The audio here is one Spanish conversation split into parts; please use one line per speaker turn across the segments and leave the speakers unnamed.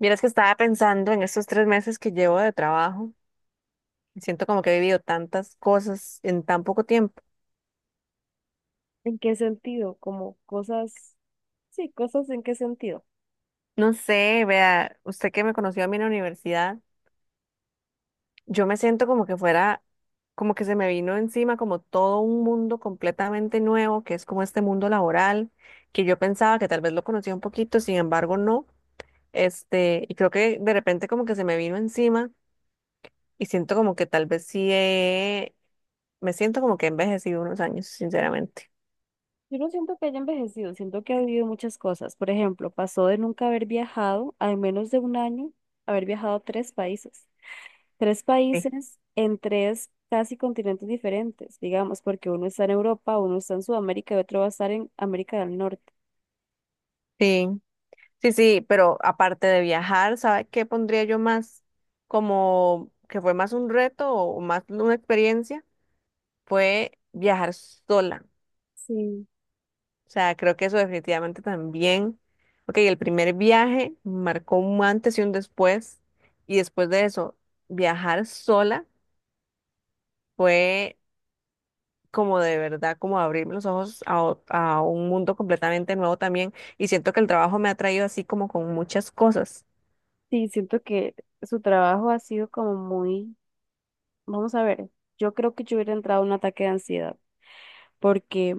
Vieras que estaba pensando en estos tres meses que llevo de trabajo. Y siento como que he vivido tantas cosas en tan poco tiempo.
¿En qué sentido? Como cosas, sí, cosas en qué sentido.
No sé, vea, usted que me conoció a mí en la universidad, yo me siento como que fuera, como que se me vino encima como todo un mundo completamente nuevo, que es como este mundo laboral, que yo pensaba que tal vez lo conocía un poquito, sin embargo no. Este, y creo que de repente como que se me vino encima y siento como que tal vez me siento como que he envejecido unos años, sinceramente.
Yo no siento que haya envejecido, siento que ha vivido muchas cosas. Por ejemplo, pasó de nunca haber viajado, a en menos de un año, haber viajado a tres países. Tres
Sí.
países en tres casi continentes diferentes, digamos, porque uno está en Europa, uno está en Sudamérica y otro va a estar en América del Norte.
Sí. Sí, sí, pero aparte de viajar, ¿sabe qué pondría yo más como que fue más un reto o más una experiencia? Fue viajar sola.
Sí.
O sea, creo que eso definitivamente también. Ok, el primer viaje marcó un antes y un después. Y después de eso, viajar sola fue como de verdad, como abrirme los ojos a un mundo completamente nuevo también. Y siento que el trabajo me ha traído así como con muchas cosas.
Sí, siento que su trabajo ha sido como muy, vamos a ver, yo creo que yo hubiera entrado en un ataque de ansiedad, porque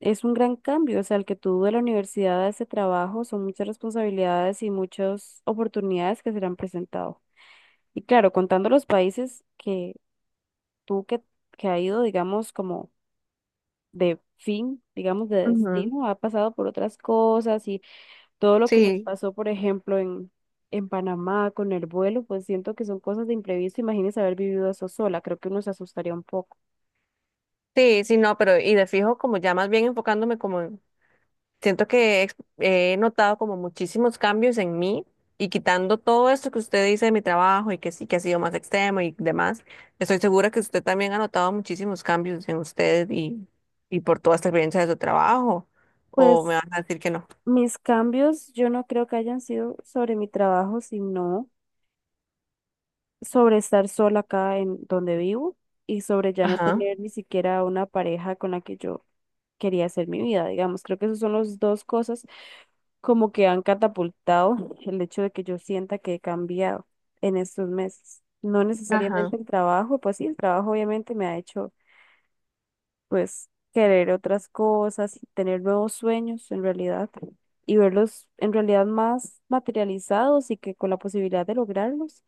es un gran cambio, o sea, el que tú de la universidad a ese trabajo son muchas responsabilidades y muchas oportunidades que serán presentado. Y claro, contando los países que tú que ha ido, digamos, como de fin, digamos, de
Ujú.
destino, ha pasado por otras cosas y todo lo que les
Sí.
pasó, por ejemplo, en Panamá con el vuelo, pues siento que son cosas de imprevisto. Imagínese haber vivido eso sola, creo que uno se asustaría un poco.
Sí, sí, no, pero y de fijo, como ya más bien enfocándome siento que he notado como muchísimos cambios en mí y quitando todo esto que usted dice de mi trabajo y que sí, que ha sido más extremo y demás, estoy segura que usted también ha notado muchísimos cambios en usted y por toda esta experiencia de su trabajo, o me
Pues
van a decir que no.
mis cambios yo no creo que hayan sido sobre mi trabajo, sino sobre estar sola acá en donde vivo y sobre ya no
Ajá,
tener ni siquiera una pareja con la que yo quería hacer mi vida, digamos. Creo que esas son las dos cosas como que han catapultado el hecho de que yo sienta que he cambiado en estos meses. No necesariamente
ajá.
el trabajo, pues sí, el trabajo obviamente me ha hecho pues querer otras cosas y tener nuevos sueños en realidad y verlos en realidad más materializados y que con la posibilidad de lograrlos.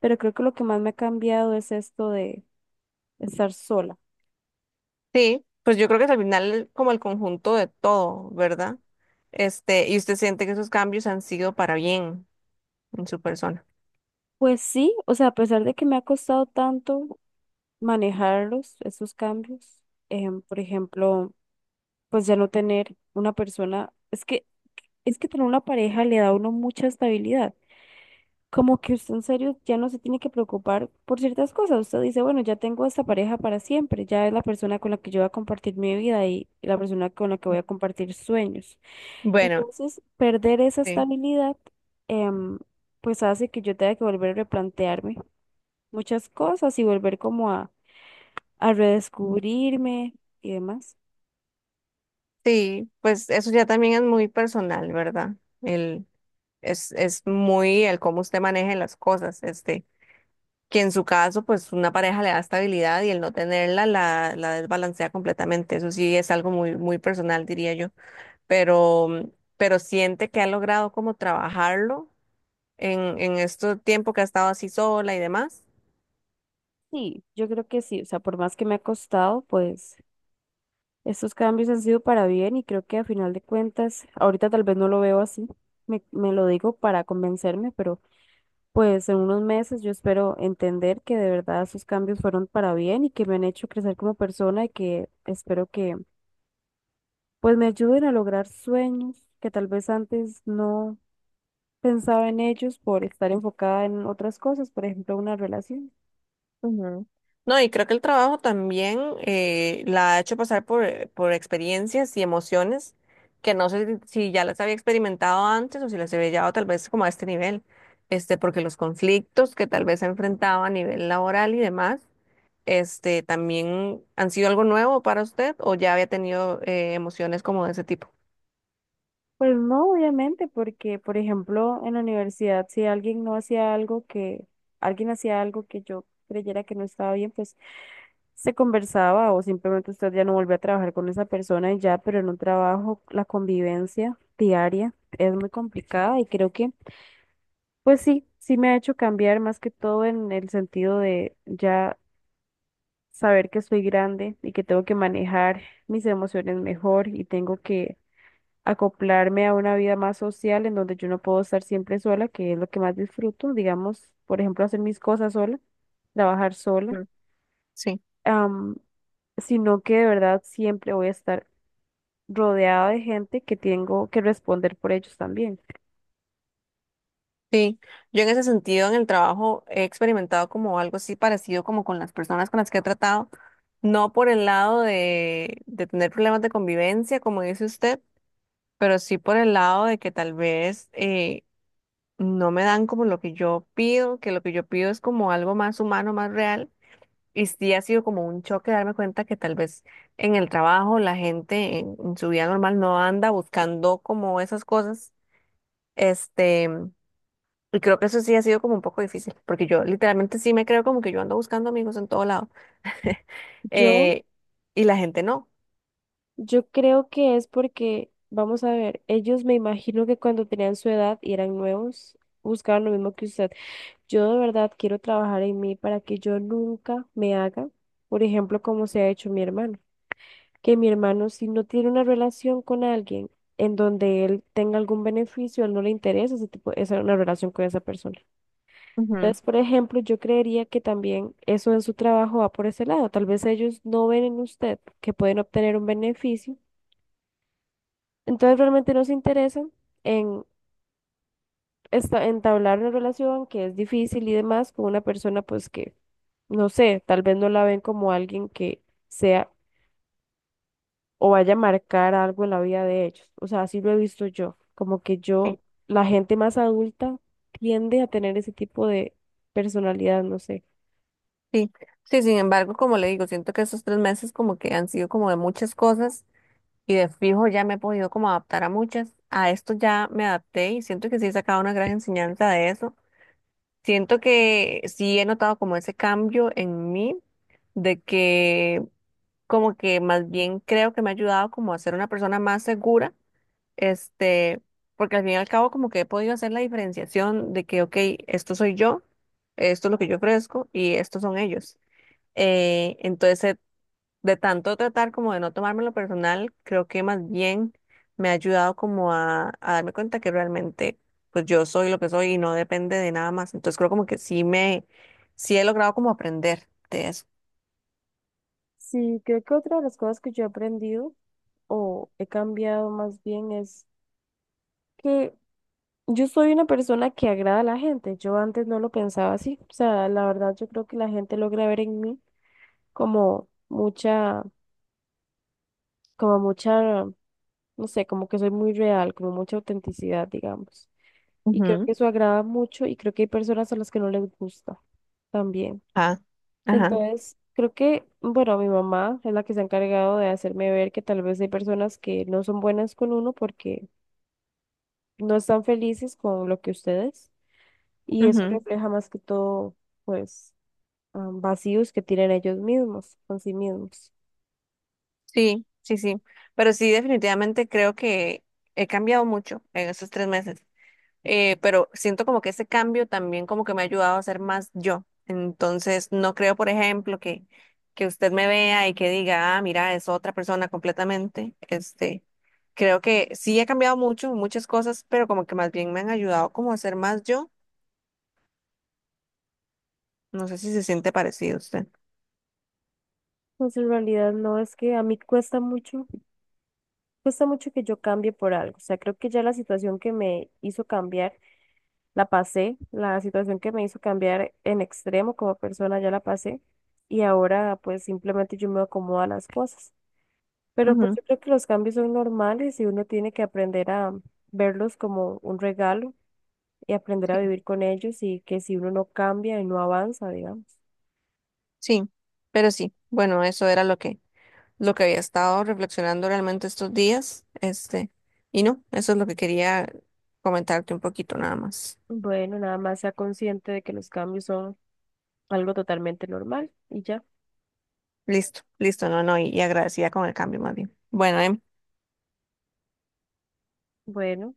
Pero creo que lo que más me ha cambiado es esto de estar sola.
Sí, pues yo creo que es al final como el conjunto de todo, ¿verdad? Este, y usted siente que esos cambios han sido para bien en su persona.
Pues sí, o sea, a pesar de que me ha costado tanto manejarlos, esos cambios, por ejemplo, pues ya no tener una persona, es que tener una pareja le da a uno mucha estabilidad, como que usted en serio ya no se tiene que preocupar por ciertas cosas. Usted dice, bueno, ya tengo esta pareja para siempre, ya es la persona con la que yo voy a compartir mi vida y la persona con la que voy a compartir sueños.
Bueno.
Entonces, perder esa
Sí.
estabilidad, em, pues hace que yo tenga que volver a replantearme muchas cosas y volver como a redescubrirme y demás.
Sí, pues eso ya también es muy personal, ¿verdad? El, es muy el cómo usted maneje las cosas, este, que en su caso, pues una pareja le da estabilidad y el no tenerla la desbalancea completamente. Eso sí es algo muy, muy personal, diría yo. Pero, pero siente que ha logrado como trabajarlo en este tiempo que ha estado así sola y demás.
Sí, yo creo que sí, o sea, por más que me ha costado, pues, estos cambios han sido para bien y creo que a final de cuentas, ahorita tal vez no lo veo así, me lo digo para convencerme, pero pues en unos meses yo espero entender que de verdad esos cambios fueron para bien y que me han hecho crecer como persona y que espero que pues me ayuden a lograr sueños que tal vez antes no pensaba en ellos por estar enfocada en otras cosas, por ejemplo, una relación.
Ujú. No, y creo que el trabajo también la ha hecho pasar por experiencias y emociones que no sé si ya las había experimentado antes o si las había llevado tal vez como a este nivel, este, porque los conflictos que tal vez ha enfrentado a nivel laboral y demás, este, también han sido algo nuevo para usted o ya había tenido emociones como de ese tipo.
Pues no, obviamente, porque, por ejemplo, en la universidad, alguien hacía algo que yo creyera que no estaba bien, pues se conversaba o simplemente usted ya no volvió a trabajar con esa persona y ya, pero en un trabajo, la convivencia diaria es muy complicada y creo que, pues sí, sí me ha hecho cambiar más que todo en el sentido de ya saber que soy grande y que tengo que manejar mis emociones mejor y tengo que acoplarme a una vida más social en donde yo no puedo estar siempre sola, que es lo que más disfruto, digamos, por ejemplo, hacer mis cosas sola, trabajar sola,
Mm. Sí.
am, sino que de verdad siempre voy a estar rodeada de gente que tengo que responder por ellos también.
Sí, yo en ese sentido en el trabajo he experimentado como algo así parecido como con las personas con las que he tratado, no por el lado de tener problemas de convivencia, como dice usted, pero sí por el lado de que tal vez no me dan como lo que yo pido, que lo que yo pido es como algo más humano, más real, y sí ha sido como un choque darme cuenta que tal vez en el trabajo la gente en su vida normal no anda buscando como esas cosas. Este, y creo que eso sí ha sido como un poco difícil, porque yo literalmente sí me creo como que yo ando buscando amigos en todo lado,
Yo,
eh, y la gente no.
yo creo que es porque, vamos a ver, ellos me imagino que cuando tenían su edad y eran nuevos, buscaban lo mismo que usted. Yo de verdad quiero trabajar en mí para que yo nunca me haga, por ejemplo, como se ha hecho mi hermano, que mi hermano, si no tiene una relación con alguien en donde él tenga algún beneficio, a él no le interesa una relación con esa persona.
Ujú.
Entonces, por ejemplo, yo creería que también eso en su trabajo va por ese lado. Tal vez ellos no ven en usted que pueden obtener un beneficio. Entonces, realmente no se interesan en entablar una relación que es difícil y demás con una persona, pues que, no sé, tal vez no la ven como alguien que sea o vaya a marcar algo en la vida de ellos. O sea, así lo he visto yo. Como que yo,
Sí,
la gente más adulta tiende a tener ese tipo de personalidad, no sé.
sí. Sí, sin embargo, como le digo, siento que esos tres meses como que han sido como de muchas cosas y de fijo ya me he podido como adaptar a muchas. A esto ya me adapté y siento que sí he sacado una gran enseñanza de eso. Siento que sí he notado como ese cambio en mí de que como que más bien creo que me ha ayudado como a ser una persona más segura este, porque al fin y al cabo como que he podido hacer la diferenciación de que, ok, esto soy yo, esto es lo que yo ofrezco y estos son ellos. Entonces, de tanto tratar como de no tomármelo personal, creo que más bien me ha ayudado como a darme cuenta que realmente pues yo soy lo que soy y no depende de nada más. Entonces creo como que sí he logrado como aprender de eso.
Sí, creo que otra de las cosas que yo he aprendido o he cambiado más bien es que yo soy una persona que agrada a la gente. Yo antes no lo pensaba así. O sea, la verdad yo creo que la gente logra ver en mí como mucha, como mucha, no sé, como que soy muy real, como mucha autenticidad, digamos. Y creo que
Ujú.
eso agrada mucho y creo que hay personas a las que no les gusta también.
Ah, ajá,
Entonces, creo que, bueno, mi mamá es la que se ha encargado de hacerme ver que tal vez hay personas que no son buenas con uno porque no están felices con lo que ustedes y eso
ujú.
refleja más que todo, pues, ah, vacíos que tienen ellos mismos, con sí mismos.
Sí, sí, sí. Pero sí, definitivamente creo que he cambiado mucho en esos tres meses. Pero siento como que ese cambio también como que me ha ayudado a ser más yo. Entonces, no creo, por ejemplo, que usted me vea y que diga, ah, mira, es otra persona completamente. Este, creo que sí he cambiado mucho, muchas cosas, pero como que más bien me han ayudado como a ser más yo. No sé si se siente parecido a usted.
Pues en realidad no, es que a mí cuesta mucho que yo cambie por algo. O sea, creo que ya la situación que me hizo cambiar la pasé, la situación que me hizo cambiar en extremo como persona ya la pasé y ahora pues simplemente yo me acomodo a las cosas. Pero pues
Ujú.
yo creo que los cambios son normales y uno tiene que aprender a verlos como un regalo y aprender a vivir con ellos y que si uno no cambia y no avanza, digamos.
Sí, pero sí, bueno, eso era lo que había estado reflexionando realmente estos días, este, y no, eso es lo que quería comentarte un poquito nada más.
Bueno, nada más sea consciente de que los cambios son algo totalmente normal y ya.
Listo, listo, no, no, y agradecida con el cambio más bien. Bueno, em,
Bueno.